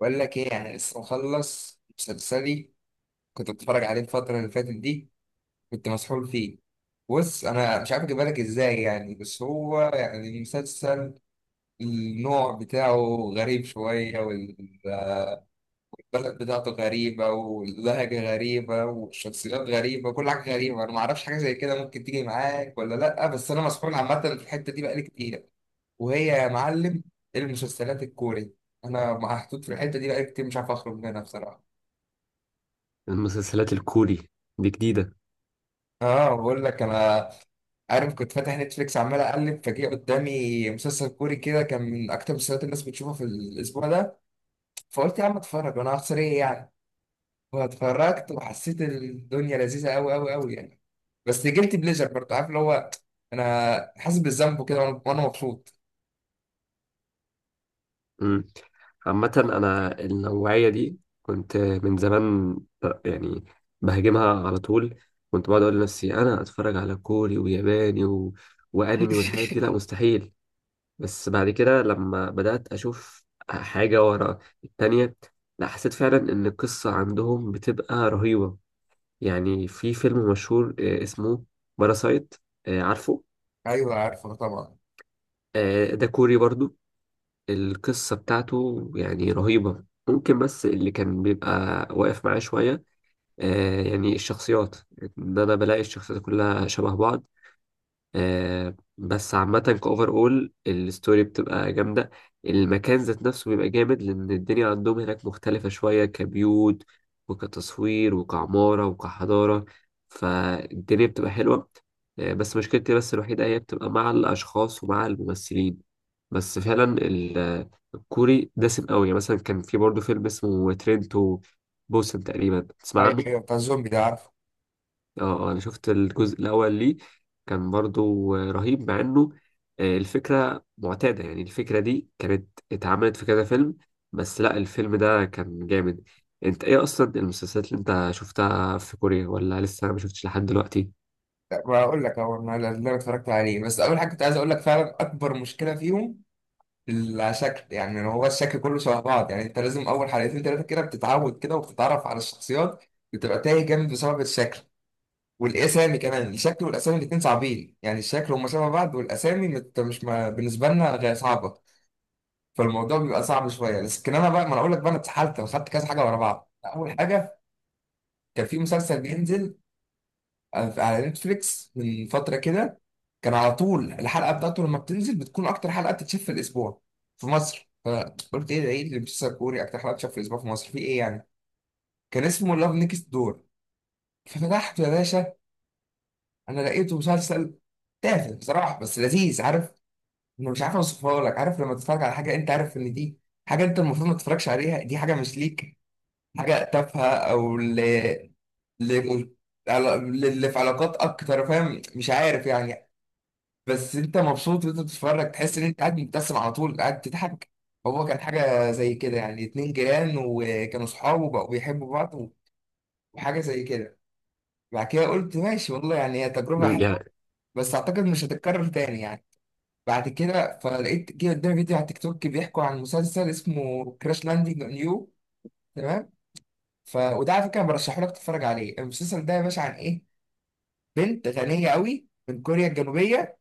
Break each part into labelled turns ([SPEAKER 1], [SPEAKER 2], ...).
[SPEAKER 1] بقول لك ايه؟ يعني لسه مخلص مسلسلي، كنت بتفرج عليه الفترة اللي فاتت دي، كنت مسحول فيه. بص انا مش عارف اجيبها لك ازاي، يعني بس هو يعني مسلسل، النوع بتاعه غريب شوية، والبلد بتاعته غريبة، واللهجة غريبة، والشخصيات غريبة، كل حاجة غريبة، انا ما اعرفش حاجة زي كده ممكن تيجي معاك ولا لا، بس انا مسحول عامة في الحتة دي بقالي كتير. وهي يا معلم المسلسلات الكوري، انا محطوط في الحتة دي بقالي كتير مش عارف اخرج منها بصراحة.
[SPEAKER 2] المسلسلات الكوري دي جديدة.
[SPEAKER 1] اه، بقول لك انا عارف، كنت فاتح نتفليكس عمال اقلب، فجأة قدامي مسلسل كوري كده كان من اكتر المسلسلات الناس بتشوفها في الاسبوع ده، فقلت يا عم اتفرج، وانا هخسر ايه يعني؟ واتفرجت وحسيت الدنيا لذيذه قوي قوي قوي يعني، بس جلت بليجر برضه، عارف اللي هو انا حاسس بالذنب كده وأنا مبسوط.
[SPEAKER 2] مم. عامة أنا النوعية دي كنت من زمان يعني بهاجمها على طول. كنت بقعد أقول لنفسي أنا أتفرج على كوري وياباني وأنمي والحاجات دي؟ لا مستحيل. بس بعد كده لما بدأت أشوف حاجة ورا التانية، لا حسيت فعلا إن القصة عندهم بتبقى رهيبة. يعني في فيلم مشهور اسمه باراسايت، عارفه؟
[SPEAKER 1] ايوه عارفه طبعا.
[SPEAKER 2] آه، ده كوري برضو. القصة بتاعته يعني رهيبة، ممكن بس اللي كان بيبقى واقف معاه شوية آه يعني الشخصيات، إن أنا بلاقي الشخصيات كلها شبه بعض. آه بس عامة كأوفر أول الستوري بتبقى جامدة. المكان ذات نفسه بيبقى جامد، لأن الدنيا عندهم هناك مختلفة شوية كبيوت وكتصوير وكعمارة وكحضارة. فالدنيا بتبقى حلوة. آه بس مشكلتي بس الوحيدة هي بتبقى مع الأشخاص ومع الممثلين. بس فعلا الكوري دسم قوي. يعني مثلا كان في برضه فيلم اسمه ترينتو بوسن، تقريبا تسمع
[SPEAKER 1] ايوه
[SPEAKER 2] عنه؟
[SPEAKER 1] ايوه بتاع الزومبي ده، عارفه.
[SPEAKER 2] اه، انا شفت الجزء الاول ليه. كان برضو رهيب، مع انه الفكره معتاده. يعني الفكره دي كانت اتعملت في كذا فيلم، بس لا الفيلم ده كان جامد. انت ايه اصلا المسلسلات اللي انت شفتها في كوريا، ولا لسه ما شفتش لحد دلوقتي؟
[SPEAKER 1] لا، بقول لك هو انا اللي انا اتفرجت عليه، بس اول حاجه كنت عايز اقول لك فعلا اكبر مشكله فيهم لا شكل، يعني هو الشكل كله شبه بعض، يعني انت لازم اول حلقتين ثلاثه كده بتتعود كده وبتتعرف على الشخصيات، بتبقى تايه جامد بسبب الشكل والاسامي كمان، الشكل والاسامي الاثنين صعبين، يعني الشكل هم شبه بعض والاسامي مش ما بالنسبه لنا غير صعبه، فالموضوع بيبقى صعب شويه. لكن انا بقى، ما انا اقول لك بقى انا اتسحلت وخدت كذا حاجه ورا بعض. اول حاجه كان في مسلسل بينزل على نتفليكس من فترة كده، كان على طول الحلقة بتاعته لما بتنزل بتكون أكتر حلقة بتتشاف في الأسبوع في مصر، فقلت إيه ده؟ إيه اللي مسلسل كوري أكتر حلقة بتتشاف في الأسبوع في مصر في إيه يعني؟ كان اسمه لاف نيكست دور. ففتحته يا باشا، أنا لقيته مسلسل تافه بصراحة بس لذيذ، عارف؟ أنا مش عارف أوصفها لك، عارف لما تتفرج على حاجة أنت عارف إن دي حاجة أنت المفروض ما تتفرجش عليها، دي حاجة مش ليك، حاجة تافهة، أو ل... ل... على- للي في علاقات اكتر، فاهم؟ مش عارف يعني، بس انت مبسوط وانت بتتفرج، تحس ان انت قاعد مبتسم على طول، قاعد تضحك. هو كان حاجه زي كده يعني، اتنين جيران وكانوا صحاب وبقوا بيحبوا بعض، وحاجه زي كده. بعد كده قلت ماشي والله، يعني هي تجربه حلوه
[SPEAKER 2] يعني
[SPEAKER 1] بس اعتقد مش هتتكرر تاني يعني. بعد كده فلقيت جه قدامي فيديو على تيك توك بيحكوا عن مسلسل اسمه كراش لاندنج اون يو، تمام؟ وده على فكره برشحه لك تتفرج عليه. المسلسل ده يا باشا عن ايه؟ بنت غنيه قوي من كوريا الجنوبيه،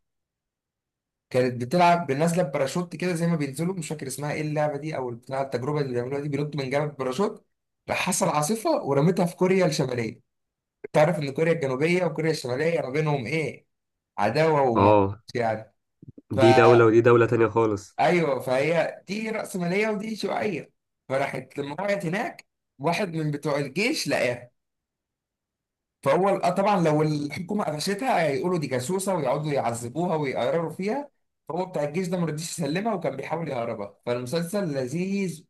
[SPEAKER 1] كانت بتلعب بالناس لاب باراشوت كده زي ما بينزلوا، مش فاكر اسمها ايه اللعبه دي او بتاع التجربه اللي بيعملوها دي، بينطوا من جبل باراشوت. راح حصل عاصفه ورمتها في كوريا الشماليه. تعرف ان كوريا الجنوبيه وكوريا الشماليه ما بينهم ايه؟ عداوه وموت
[SPEAKER 2] اه،
[SPEAKER 1] يعني.
[SPEAKER 2] دي
[SPEAKER 1] فا
[SPEAKER 2] دولة ودي دولة تانية خالص.
[SPEAKER 1] ايوه، فهي دي راسماليه ودي شيوعيه. فراحت لما وقعت هناك، واحد من بتوع الجيش لقاها، فهو آه طبعا لو الحكومه قفشتها هيقولوا دي جاسوسه ويقعدوا يعذبوها ويقرروا فيها، فهو بتاع الجيش ده ما رضيش يسلمها وكان بيحاول يهربها. فالمسلسل لذيذ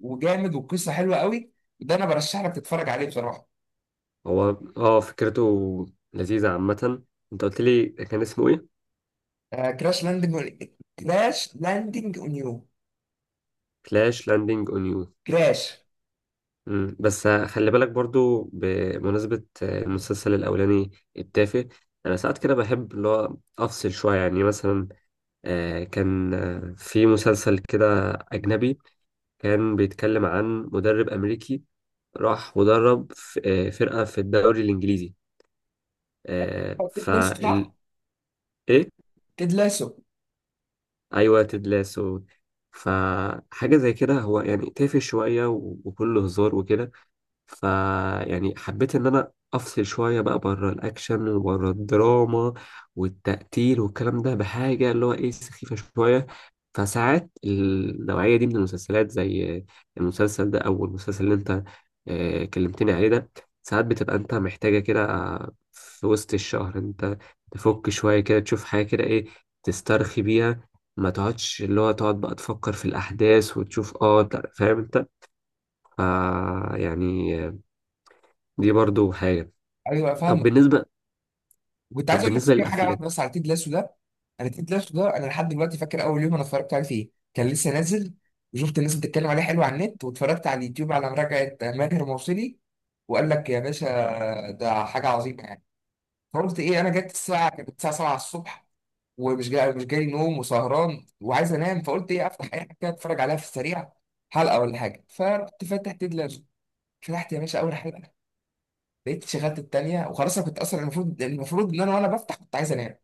[SPEAKER 1] وجامد والقصه حلوه قوي، ده انا برشح لك تتفرج عليه بصراحه.
[SPEAKER 2] هو اه فكرته لذيذة عامة. انت قلت لي كان اسمه ايه؟
[SPEAKER 1] آه كراش لاندنج، كراش لاندنج اون يو،
[SPEAKER 2] كلاش لاندنج اون يو.
[SPEAKER 1] كراش.
[SPEAKER 2] بس خلي بالك برضو بمناسبة المسلسل الأولاني التافه، أنا ساعات كده بحب اللي هو أفصل شوية. يعني مثلا كان في مسلسل كده أجنبي، كان بيتكلم عن مدرب أمريكي راح ودرب فرقة في الدوري الإنجليزي.
[SPEAKER 1] تدلسه، صح؟
[SPEAKER 2] فال إيه؟
[SPEAKER 1] تدلسه.
[SPEAKER 2] أيوة، تيد لاسو. فحاجة زي كده، هو يعني تافه شوية وكله هزار وكده. ف يعني حبيت ان انا افصل شويه بقى بره الاكشن وبره الدراما والتقتيل والكلام ده بحاجه اللي هو ايه، سخيفه شويه. فساعات النوعيه دي من المسلسلات زي المسلسل ده او المسلسل اللي انت كلمتني عليه ده، ساعات بتبقى انت محتاجه كده في وسط الشهر. انت تفك شويه كده، تشوف حاجه كده ايه، تسترخي بيها. ما تقعدش اللي هو تقعد بقى تفكر في الاحداث وتشوف، اه لا، فاهم انت. آه يعني دي برضو حاجة.
[SPEAKER 1] ايوه
[SPEAKER 2] طب
[SPEAKER 1] فاهمك.
[SPEAKER 2] بالنسبة،
[SPEAKER 1] وكنت
[SPEAKER 2] طب
[SPEAKER 1] عايز اقول لك
[SPEAKER 2] بالنسبة
[SPEAKER 1] صحيح حاجه
[SPEAKER 2] للأفلام.
[SPEAKER 1] واحده بس على تيد لاسو ده. انا تيد لاسو ده انا لحد دلوقتي فاكر اول يوم انا اتفرجت عليه فيه، كان لسه نازل، وشفت الناس بتتكلم عليه حلو على النت، واتفرجت على اليوتيوب على مراجعه ماهر موصلي، وقال لك يا باشا ده حاجه عظيمه يعني. فقلت ايه، انا جت الساعه، كانت الساعه 7 الصبح، ومش جاي مش جاي نوم، وسهران وعايز انام، فقلت ايه، افتح اي حاجه كده اتفرج عليها في السريع، حلقه ولا حاجه. فرحت فاتح تيد لاسو، فتحت يا باشا اول حلقه، لقيت شغلت التانيه وخلاص. انا كنت اصلا المفروض ان انا وانا بفتح كنت عايز انام،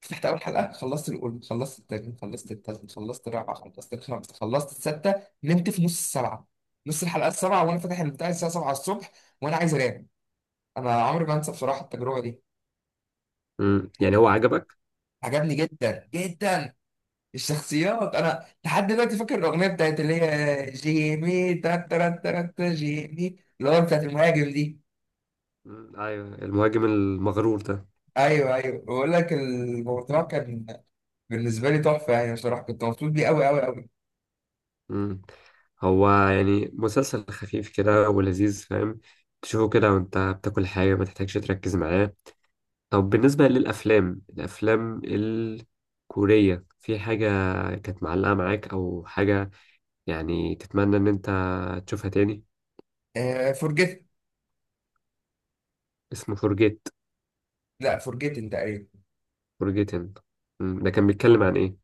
[SPEAKER 1] فتحت اول حلقه، خلصت الاولى، خلصت التانية، خلصت التالتة، خلصت الرابعه، خلصت الخامسه، خلصت السادسه، نمت في نص السبعه، نص الحلقه السبعه، وانا فاتح البتاع الساعه 7 الصبح وانا عايز انام. انا عمري ما انسى بصراحه التجربه دي.
[SPEAKER 2] يعني هو عجبك؟
[SPEAKER 1] عجبني جدا جدا. الشخصيات، انا لحد دلوقتي فاكر الاغنيه بتاعت اللي هي جيمي تا تا تا تا جيمي، اللي هو بتاعت المهاجم دي.
[SPEAKER 2] أيوة، المهاجم المغرور ده.
[SPEAKER 1] ايوه ايوه، بقول لك الموضوع كان بالنسبه لي تحفه يعني، بصراحه كنت مبسوط بيه قوي قوي قوي.
[SPEAKER 2] مم. هو يعني مسلسل خفيف كده ولذيذ، فاهم؟ تشوفه كده وانت بتاكل حاجة، ما تحتاجش تركز معاه. طب بالنسبة للأفلام، الأفلام الكورية، في حاجة كانت معلقة معاك أو حاجة، يعني تتمنى إن أنت تشوفها تاني؟
[SPEAKER 1] آه فورجيت،
[SPEAKER 2] اسمه فورجيت؟
[SPEAKER 1] لا فورجيتن تقريبا.
[SPEAKER 2] فورجيتن، ده كان بيتكلم عن إيه؟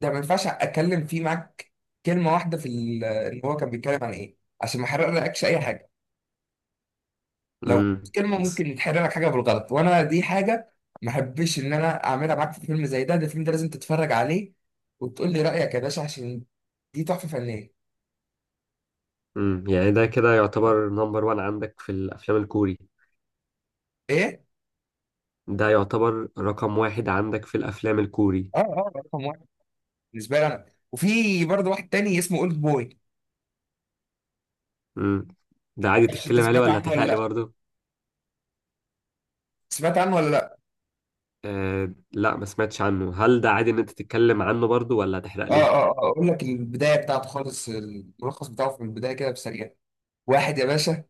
[SPEAKER 1] ده ما ينفعش اتكلم فيه معاك كلمه واحده في ان هو كان بيتكلم عن ايه، عشان ما احرقلكش اي حاجه. لو
[SPEAKER 2] مم.
[SPEAKER 1] كلمه ممكن يتحرق لك حاجه بالغلط، وانا دي حاجه ما احبش ان انا اعملها معاك في فيلم زي ده. ده الفيلم ده لازم تتفرج عليه وتقول لي رايك يا باشا، عشان دي تحفه فنيه.
[SPEAKER 2] يعني ده كده يعتبر نمبر وان عندك في الافلام الكوري؟
[SPEAKER 1] ايه.
[SPEAKER 2] ده يعتبر رقم واحد عندك في الافلام الكوري؟
[SPEAKER 1] اه اه، رقم واحد بالنسبه لي انا. وفي برضه واحد تاني اسمه اولد بوي.
[SPEAKER 2] امم، ده
[SPEAKER 1] ما
[SPEAKER 2] عادي
[SPEAKER 1] اعرفش انت
[SPEAKER 2] تتكلم عليه،
[SPEAKER 1] سمعت
[SPEAKER 2] ولا
[SPEAKER 1] عنه ولا
[SPEAKER 2] هتحرق لي
[SPEAKER 1] لا،
[SPEAKER 2] برضه؟
[SPEAKER 1] سمعت عنه ولا لا؟
[SPEAKER 2] آه لا، ما سمعتش عنه. هل ده عادي ان انت تتكلم عنه برضه ولا هتحرق
[SPEAKER 1] اه اه،
[SPEAKER 2] لي؟
[SPEAKER 1] اقول لك البدايه بتاعته خالص، الملخص بتاعه في البدايه كده بسريع. واحد يا باشا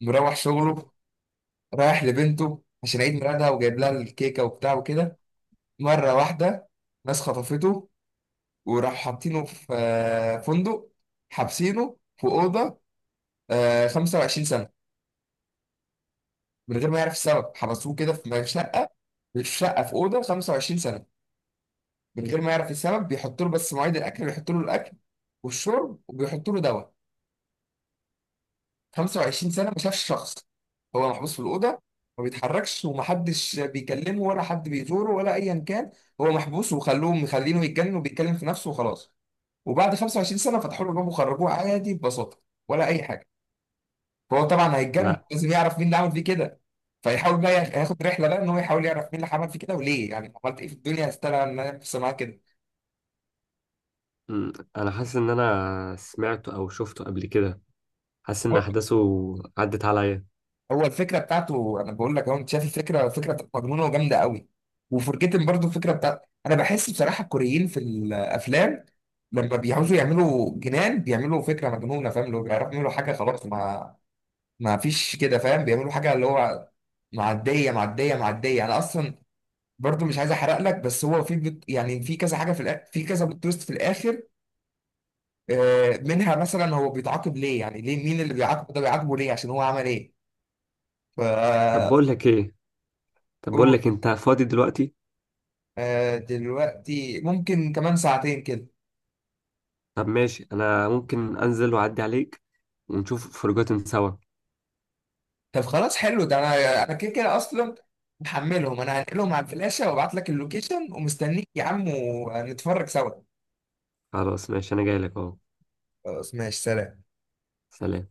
[SPEAKER 1] مروح شغله، رايح لبنته عشان عيد ميلادها وجايب لها الكيكة وبتاع وكده، مرة واحدة ناس خطفته، وراح حاطينه في فندق، حابسينه في أوضة 25 سنة، من غير ما يعرف السبب. حبسوه كده في شقة في أوضة 25 سنة من غير ما يعرف السبب. بيحط له بس مواعيد الأكل، بيحط له الأكل والشرب وبيحط له دواء. 25 سنة ما شافش شخص، هو محبوس في الأوضة ما بيتحركش، ومحدش بيكلمه ولا حد بيزوره ولا أيا كان، هو محبوس وخلوه مخلينه يتجنن وبيتكلم في نفسه وخلاص. وبعد 25 سنة فتحوا له الباب وخرجوه عادي ببساطة ولا أي حاجة. فهو طبعا هيتجنن،
[SPEAKER 2] لا.
[SPEAKER 1] لازم يعرف مين اللي عمل فيه كده، فيحاول بقى ياخد رحلة بقى إن هو يحاول يعرف مين اللي عمل فيه كده وليه، يعني عملت إيه في الدنيا استاهل إن أنا أحبس معاه كده؟
[SPEAKER 2] امم، انا حاسس ان انا سمعته او شفته قبل كده، حاسس ان احداثه عدت عليا.
[SPEAKER 1] هو الفكره بتاعته، انا بقول لك اهو، انت شايف الفكره فكره مجنونه وجامده قوي. وفرجيتن برضو الفكره بتاعت، انا بحس بصراحه الكوريين في الافلام لما بيعوزوا يعملوا جنان بيعملوا فكره مجنونه، فاهم؟ لو بيعرفوا يعملوا حاجه خلاص ما فيش كده، فاهم؟ بيعملوا حاجه اللي هو معديه معديه معديه. انا اصلا برضو مش عايز احرق لك، بس هو في يعني في كذا حاجه في في كذا بلوت تويست في الاخر، منها مثلا هو بيتعاقب ليه، يعني ليه؟ مين اللي بيعاقبه ده؟ بيعاقبه ليه؟ عشان هو عمل ايه؟
[SPEAKER 2] طب بقول لك ايه، طب بقول لك
[SPEAKER 1] ف
[SPEAKER 2] انت فاضي دلوقتي؟
[SPEAKER 1] آه دلوقتي ممكن كمان ساعتين كده.
[SPEAKER 2] طب ماشي، انا ممكن انزل واعدي عليك ونشوف فرجات سوا.
[SPEAKER 1] طب خلاص حلو، ده انا انا كده كده اصلا محملهم، انا هنقلهم على الفلاشة وابعت لك اللوكيشن ومستنيك يا عم ونتفرج سوا.
[SPEAKER 2] خلاص ماشي، انا جاي لك اهو.
[SPEAKER 1] خلاص ماشي، سلام.
[SPEAKER 2] سلام.